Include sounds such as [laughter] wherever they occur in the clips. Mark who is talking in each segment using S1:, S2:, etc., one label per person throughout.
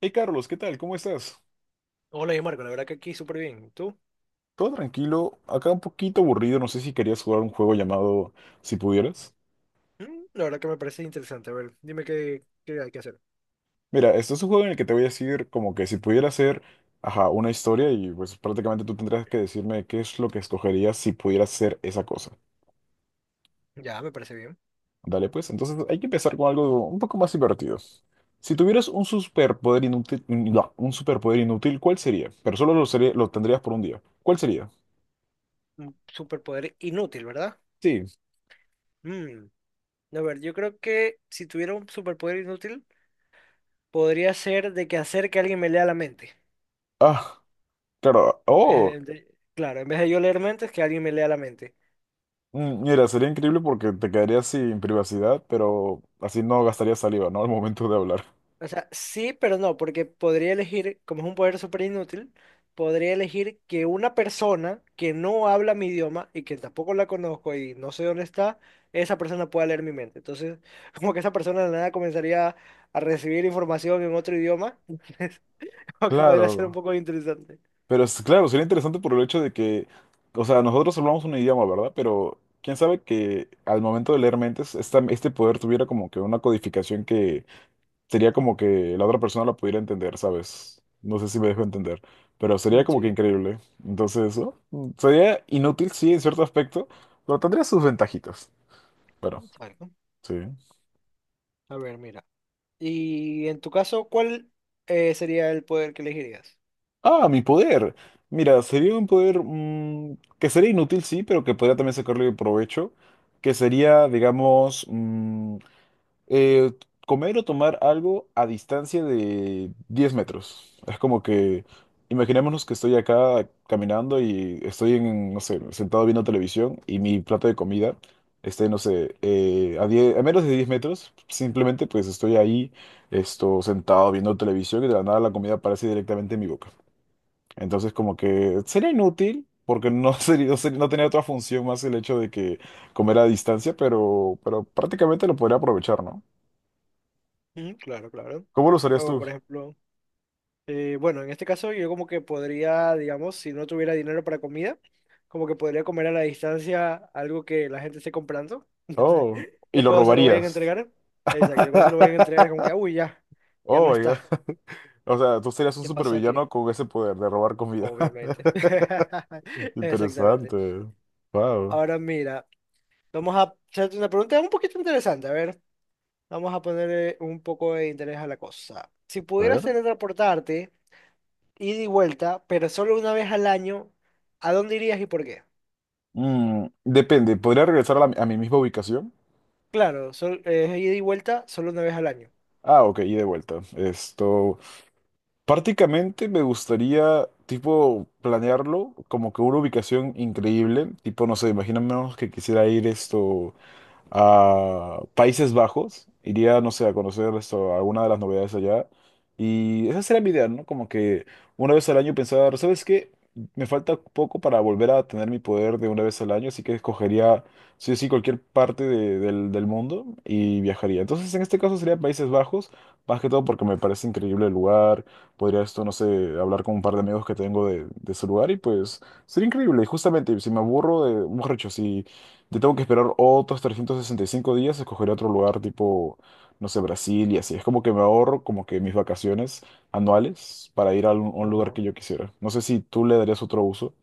S1: Hey Carlos, ¿qué tal? ¿Cómo estás?
S2: Hola, yo Marco, la verdad que aquí súper bien. ¿Tú?
S1: Todo tranquilo, acá un poquito aburrido, no sé si querías jugar un juego llamado Si pudieras.
S2: La verdad que me parece interesante. A ver, dime qué hay que hacer.
S1: Mira, este es un juego en el que te voy a decir como que si pudiera hacer, ajá, una historia y pues prácticamente tú tendrás que decirme qué es lo que escogerías si pudieras hacer esa cosa.
S2: Ya, me parece bien.
S1: Dale pues, entonces hay que empezar con algo un poco más divertido. Si tuvieras un superpoder inútil, no, un superpoder inútil, ¿cuál sería? Pero solo lo, sería- lo tendrías por un día. ¿Cuál sería?
S2: Un superpoder inútil, ¿verdad?
S1: Sí.
S2: Mm, A ver, yo creo que si tuviera un superpoder inútil, podría ser de que hacer que alguien me lea la mente.
S1: Ah, claro.
S2: En vez
S1: Oh.
S2: de- Claro, en vez de yo leer mentes, que alguien me lea la mente.
S1: Mira, sería increíble porque te quedarías sin privacidad, pero así no gastarías saliva, ¿no? [laughs] Al momento de hablar.
S2: O sea, sí, pero no, porque podría elegir, como es un poder súper inútil, podría elegir que una persona que no habla mi idioma y que tampoco la conozco y no sé dónde está, esa persona pueda leer mi mente. Entonces, [laughs] como que esa persona de la nada comenzaría a recibir información en otro idioma, [laughs] entonces, como que podría ser un
S1: Claro,
S2: poco interesante.
S1: pero es, claro, sería interesante por el hecho de que, o sea, nosotros hablamos un idioma, ¿verdad? Pero quién sabe que al momento de leer mentes, este poder tuviera como que una codificación que sería como que la otra persona la pudiera entender, ¿sabes? No sé si me dejo entender, pero sería como que
S2: Sí,
S1: increíble. Entonces, ¿no? Sería inútil, sí, en cierto aspecto, pero tendría sus ventajitas. Pero,
S2: exacto.
S1: sí.
S2: A ver, mira. Y en tu caso, ¿cuál sería el poder que elegirías?
S1: Ah, mi poder. Mira, sería un poder que sería inútil, sí, pero que podría también sacarle provecho, que sería, digamos, eh, comer o tomar algo a distancia de 10 metros. Es como que, imaginémonos que estoy acá caminando y estoy en, no sé, sentado viendo televisión y mi plato de comida esté, no sé, a menos de 10 metros, simplemente pues estoy ahí, esto, sentado viendo televisión y de la nada la comida aparece directamente en mi boca. Entonces, como que sería inútil, porque no [laughs] sería- no tenía otra función más el hecho de que comer a distancia, pero prácticamente lo podría aprovechar, ¿no?
S2: Claro, claro.
S1: ¿Cómo lo usarías
S2: O,
S1: tú?
S2: por ejemplo. Bueno, en este caso yo como que podría, digamos, si no tuviera dinero para comida, como que podría comer a la distancia algo que la gente esté comprando. [laughs] Entonces,
S1: Oh, y
S2: ya
S1: lo
S2: cuando se lo vayan a
S1: robarías.
S2: entregar, exacto, ya cuando se lo vayan a
S1: [laughs]
S2: entregar es como que, "Ah, uy, ya, ya no
S1: Oh, my God.
S2: está.
S1: O sea, tú serías un
S2: ¿Qué pasó aquí?
S1: supervillano con ese poder de robar comida. [laughs]
S2: Obviamente. [laughs] Exactamente.
S1: Interesante. Wow.
S2: Ahora mira, vamos a hacerte una pregunta un poquito interesante. A ver, vamos a ponerle un poco de interés a la cosa. Si
S1: A ver.
S2: pudieras teletransportarte ida y vuelta, pero solo una vez al año, ¿a dónde irías y por qué?
S1: Depende, ¿podría regresar a, a mi misma ubicación?
S2: Claro, es ida y vuelta solo una vez al año.
S1: Ah, ok, y de vuelta. Esto. Prácticamente me gustaría, tipo, planearlo como que una ubicación increíble, tipo, no sé, imaginemos que quisiera ir esto a Países Bajos, iría, no sé, a conocer esto, alguna de las novedades allá. Y esa sería mi idea, ¿no? Como que una vez al año pensar, ¿sabes qué? Me falta poco para volver a tener mi poder de una vez al año, así que escogería, sí o sí, cualquier parte del mundo y viajaría. Entonces, en este caso sería Países Bajos, más que todo porque me parece increíble el lugar. Podría esto, no sé, hablar con un par de amigos que tengo de ese lugar y pues sería increíble. Y justamente, si me aburro de, borracho, yo tengo que esperar otros 365 días, escogeré otro lugar tipo, no sé, Brasil y así. Es como que me ahorro como que mis vacaciones anuales para ir a un lugar
S2: Ajá.
S1: que yo quisiera. No sé si tú le darías otro uso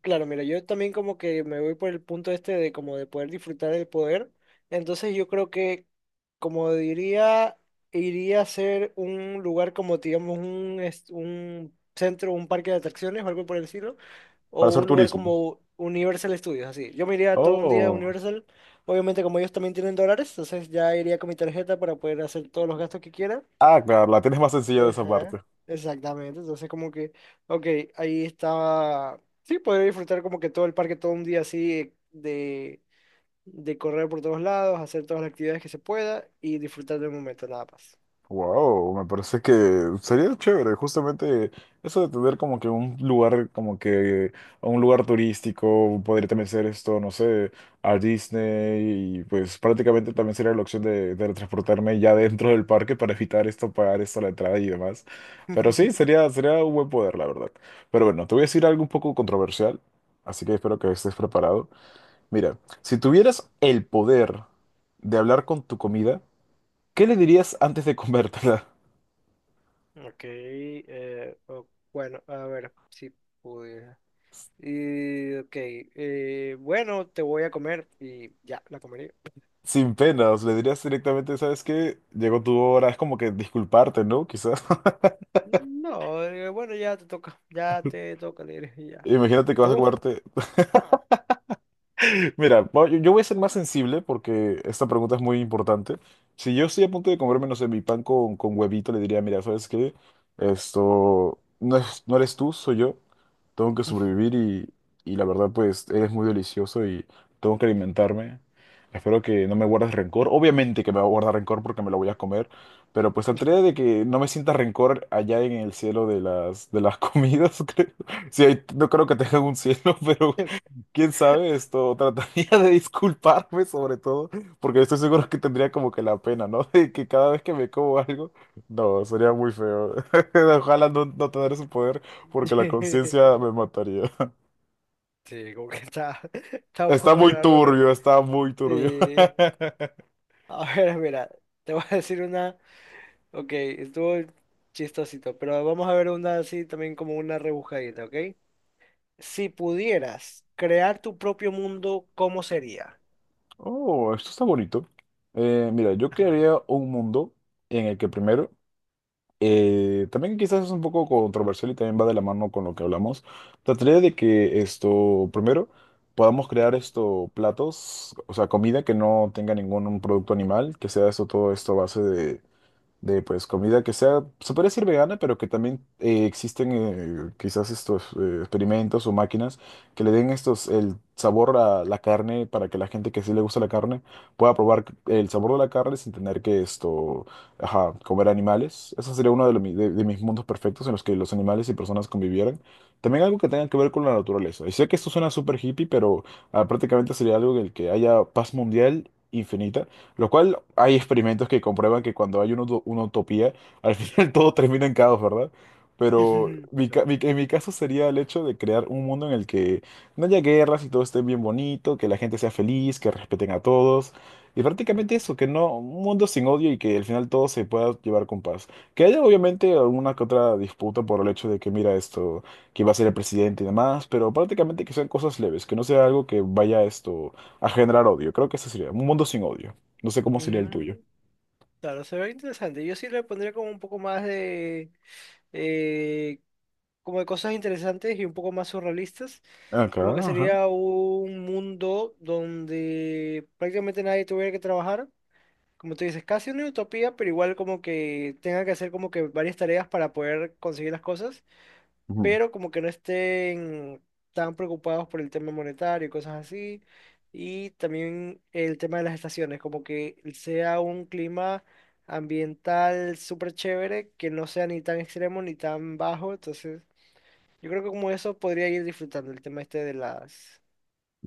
S2: Claro, mira, yo también como que me voy por el punto este de como de poder disfrutar del poder. Entonces yo creo que, como diría, iría a ser un lugar como, digamos, un centro, un parque de atracciones o algo por el estilo,
S1: para
S2: o
S1: hacer
S2: un lugar
S1: turismo.
S2: como Universal Studios, así. Yo me iría todo un día a
S1: Oh,
S2: Universal. Obviamente, como ellos también tienen dólares, entonces ya iría con mi tarjeta para poder hacer todos los gastos que quiera.
S1: ah, claro, la tienes más sencilla de esa
S2: Ajá,
S1: parte.
S2: exactamente. Entonces, como que, ok, ahí estaba. Sí, poder disfrutar como que todo el parque todo un día así de correr por todos lados, hacer todas las actividades que se pueda y disfrutar del momento, nada más.
S1: Wow, me parece que sería chévere, justamente eso de tener como que un lugar, como que un lugar turístico, podría también ser esto, no sé, a Disney, y pues prácticamente también sería la opción de transportarme ya dentro del parque para evitar esto, pagar esto la entrada y demás. Pero sí, sería, sería un buen poder, la verdad. Pero bueno, te voy a decir algo un poco controversial, así que espero que estés preparado. Mira, si tuvieras el poder de hablar con tu comida, ¿qué le dirías antes de comértela?
S2: Ok, bueno, a ver si pude. Y, ok, bueno, te voy a comer y ya, la comería.
S1: Sin penas, le dirías directamente, ¿sabes qué? Llegó tu hora, es como que disculparte, ¿no? Quizás. [laughs]
S2: No, bueno, ya te toca, le diré, y [laughs] ya.
S1: Imagínate
S2: ¿Y
S1: que vas a
S2: tú? [laughs]
S1: comerte Mira, yo voy a ser más sensible porque esta pregunta es muy importante. Si yo estoy a punto de comerme, no sé, mi pan con huevito, le diría, mira, ¿sabes qué? Esto no eres tú, soy yo. Tengo que sobrevivir y la verdad, pues, eres muy delicioso y tengo que alimentarme. Espero que no me guardes rencor. Obviamente que me va a guardar rencor porque me lo voy a comer, pero pues trataré de que no me sienta rencor allá en el cielo de las comidas, [laughs] creo. Sí, ahí- no creo que tengan un cielo, [laughs] pero
S2: Ok.
S1: Quién sabe, esto [laughs] trataría de disculparme sobre todo, porque estoy seguro que tendría como que la pena, ¿no? [laughs] De que cada vez que me como algo, no, sería muy feo. [laughs] Ojalá no, no tener ese poder, porque la
S2: [laughs]
S1: conciencia me mataría.
S2: Sí, como que está, [laughs]
S1: [laughs]
S2: está un
S1: Está
S2: poco
S1: muy
S2: raro, ¿no?
S1: turbio, está muy turbio.
S2: Sí.
S1: [laughs]
S2: A ver, mira, te voy a decir una, ok, estuvo chistosito, pero vamos a ver una así también como una rebujadita, ¿ok? Si pudieras crear tu propio mundo, ¿cómo sería?
S1: Oh, esto está bonito. Mira, yo
S2: Ajá.
S1: crearía
S2: [laughs]
S1: un mundo en el que primero también quizás es un poco controversial y también va de la mano con lo que hablamos. Trataría de que esto, primero, podamos crear esto platos, o sea, comida que no tenga ningún un producto animal, que sea esto todo esto a base de pues comida que sea, se puede decir vegana, pero que también existen quizás estos experimentos o máquinas que le den estos el sabor a la carne para que la gente que sí le gusta la carne pueda probar el sabor de la carne sin tener que esto, ajá, comer animales. Eso sería uno de, de mis mundos perfectos en los que los animales y personas convivieran. También algo que tenga que ver con la naturaleza. Y sé que esto suena súper hippie, pero prácticamente sería algo en el que haya paz mundial infinita lo cual hay experimentos que comprueban que cuando hay una, una utopía, al [laughs] final todo termina en caos, ¿verdad? Pero
S2: Mm, claro.
S1: en mi caso sería el hecho de crear un mundo en el que no haya guerras y todo esté bien bonito, que la gente sea feliz, que respeten a todos. Y prácticamente eso, que no, un mundo sin odio y que al final todo se pueda llevar con paz. Que haya obviamente alguna que otra disputa por el hecho de que mira esto, que va a ser el presidente y demás, pero prácticamente que sean cosas leves, que no sea algo que vaya esto a generar odio. Creo que ese sería un mundo sin odio. No sé cómo sería el tuyo.
S2: Mm, Claro, se ve interesante. Yo sí le pondría como un poco más de, eh, como de cosas interesantes y un poco más surrealistas.
S1: Acá,
S2: Como que
S1: ajá.
S2: sería un mundo donde prácticamente nadie tuviera que trabajar. Como tú dices, casi una utopía, pero igual como que tenga que hacer como que varias tareas para poder conseguir las cosas,
S1: Ujú.
S2: pero como que no estén tan preocupados por el tema monetario y cosas así. Y también el tema de las estaciones, como que sea un clima ambiental súper chévere, que no sea ni tan extremo ni tan bajo. Entonces, yo creo que como eso podría ir disfrutando el tema este de las...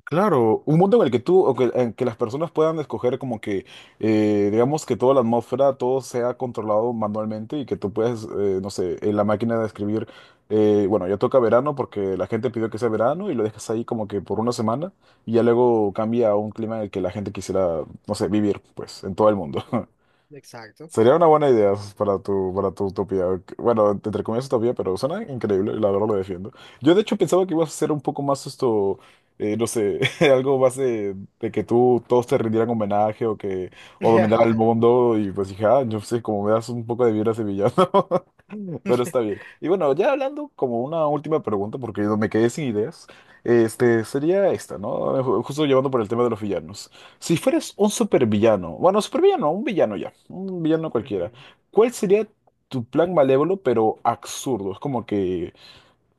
S1: Claro, un mundo en el que tú, o que, en que las personas puedan escoger como que, digamos que toda la atmósfera, todo sea controlado manualmente y que tú puedes, no sé, en la máquina de escribir, bueno, ya toca verano porque la gente pidió que sea verano y lo dejas ahí como que por una semana y ya luego cambia a un clima en el que la gente quisiera, no sé, vivir, pues, en todo el mundo. [laughs]
S2: Exacto.
S1: Sería una buena idea para tu utopía. Bueno, entre comillas utopía, pero suena increíble, y la verdad lo defiendo. Yo de hecho pensaba que ibas a hacer un poco más esto, no sé, [laughs] algo más de que tú todos te rindieran homenaje o que o dominaran el
S2: [laughs]
S1: mundo y pues dije, ah, yo sé, como me das un poco de vibra sevillano. Pero está bien. Y bueno, ya hablando como una última pregunta, porque me quedé sin ideas, este, sería esta, ¿no? Justo llevando por el tema de los villanos. Si fueras un supervillano, bueno, supervillano, un villano ya, un villano cualquiera,
S2: Ujú.
S1: ¿cuál sería tu plan malévolo pero absurdo? Es como que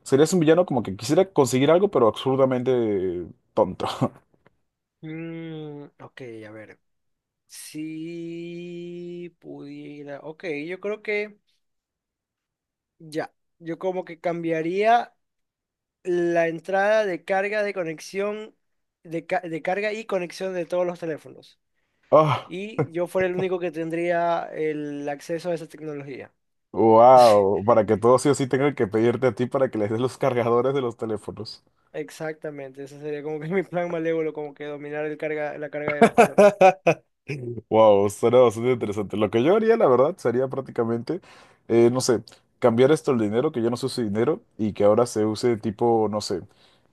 S1: serías un villano como que quisiera conseguir algo pero absurdamente tonto. [laughs]
S2: Mm, ok, a ver. Si pudiera. Ok, yo creo que ya. Yo como que cambiaría la entrada de carga de conexión, de carga y conexión de todos los teléfonos.
S1: Ah,
S2: Y yo fuera el único que tendría el acceso a esa tecnología.
S1: wow, para que todos sí o sí tengan que pedirte a ti para que les des los cargadores de los teléfonos.
S2: Exactamente, ese sería como que [laughs] mi plan malévolo, como que dominar la carga de las personas.
S1: Wow, suena bastante interesante. Lo que yo haría, la verdad, sería prácticamente, no sé, cambiar esto el dinero, que ya no se use dinero, y que ahora se use tipo, no sé,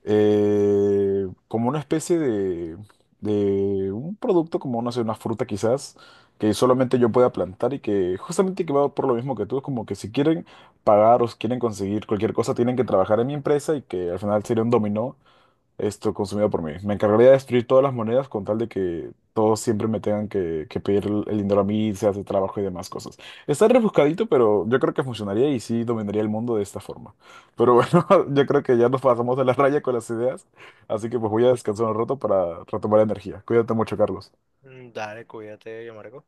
S1: como una especie de un producto, como, no sé, una fruta quizás, que solamente yo pueda plantar y que justamente que va por lo mismo que tú, es como que si quieren pagar o si quieren conseguir cualquier cosa, tienen que trabajar en mi empresa y que al final sería un dominó esto consumido por mí. Me encargaría de destruir todas las monedas con tal de que todos siempre me tengan que pedir el dinero a mí, se hace trabajo y demás cosas. Está rebuscadito, pero yo creo que funcionaría y sí dominaría el mundo de esta forma. Pero bueno, [laughs] yo creo que ya nos pasamos de la raya con las ideas, así que pues voy a descansar un rato para retomar energía. Cuídate mucho, Carlos.
S2: Dale, cuídate, yo Marco.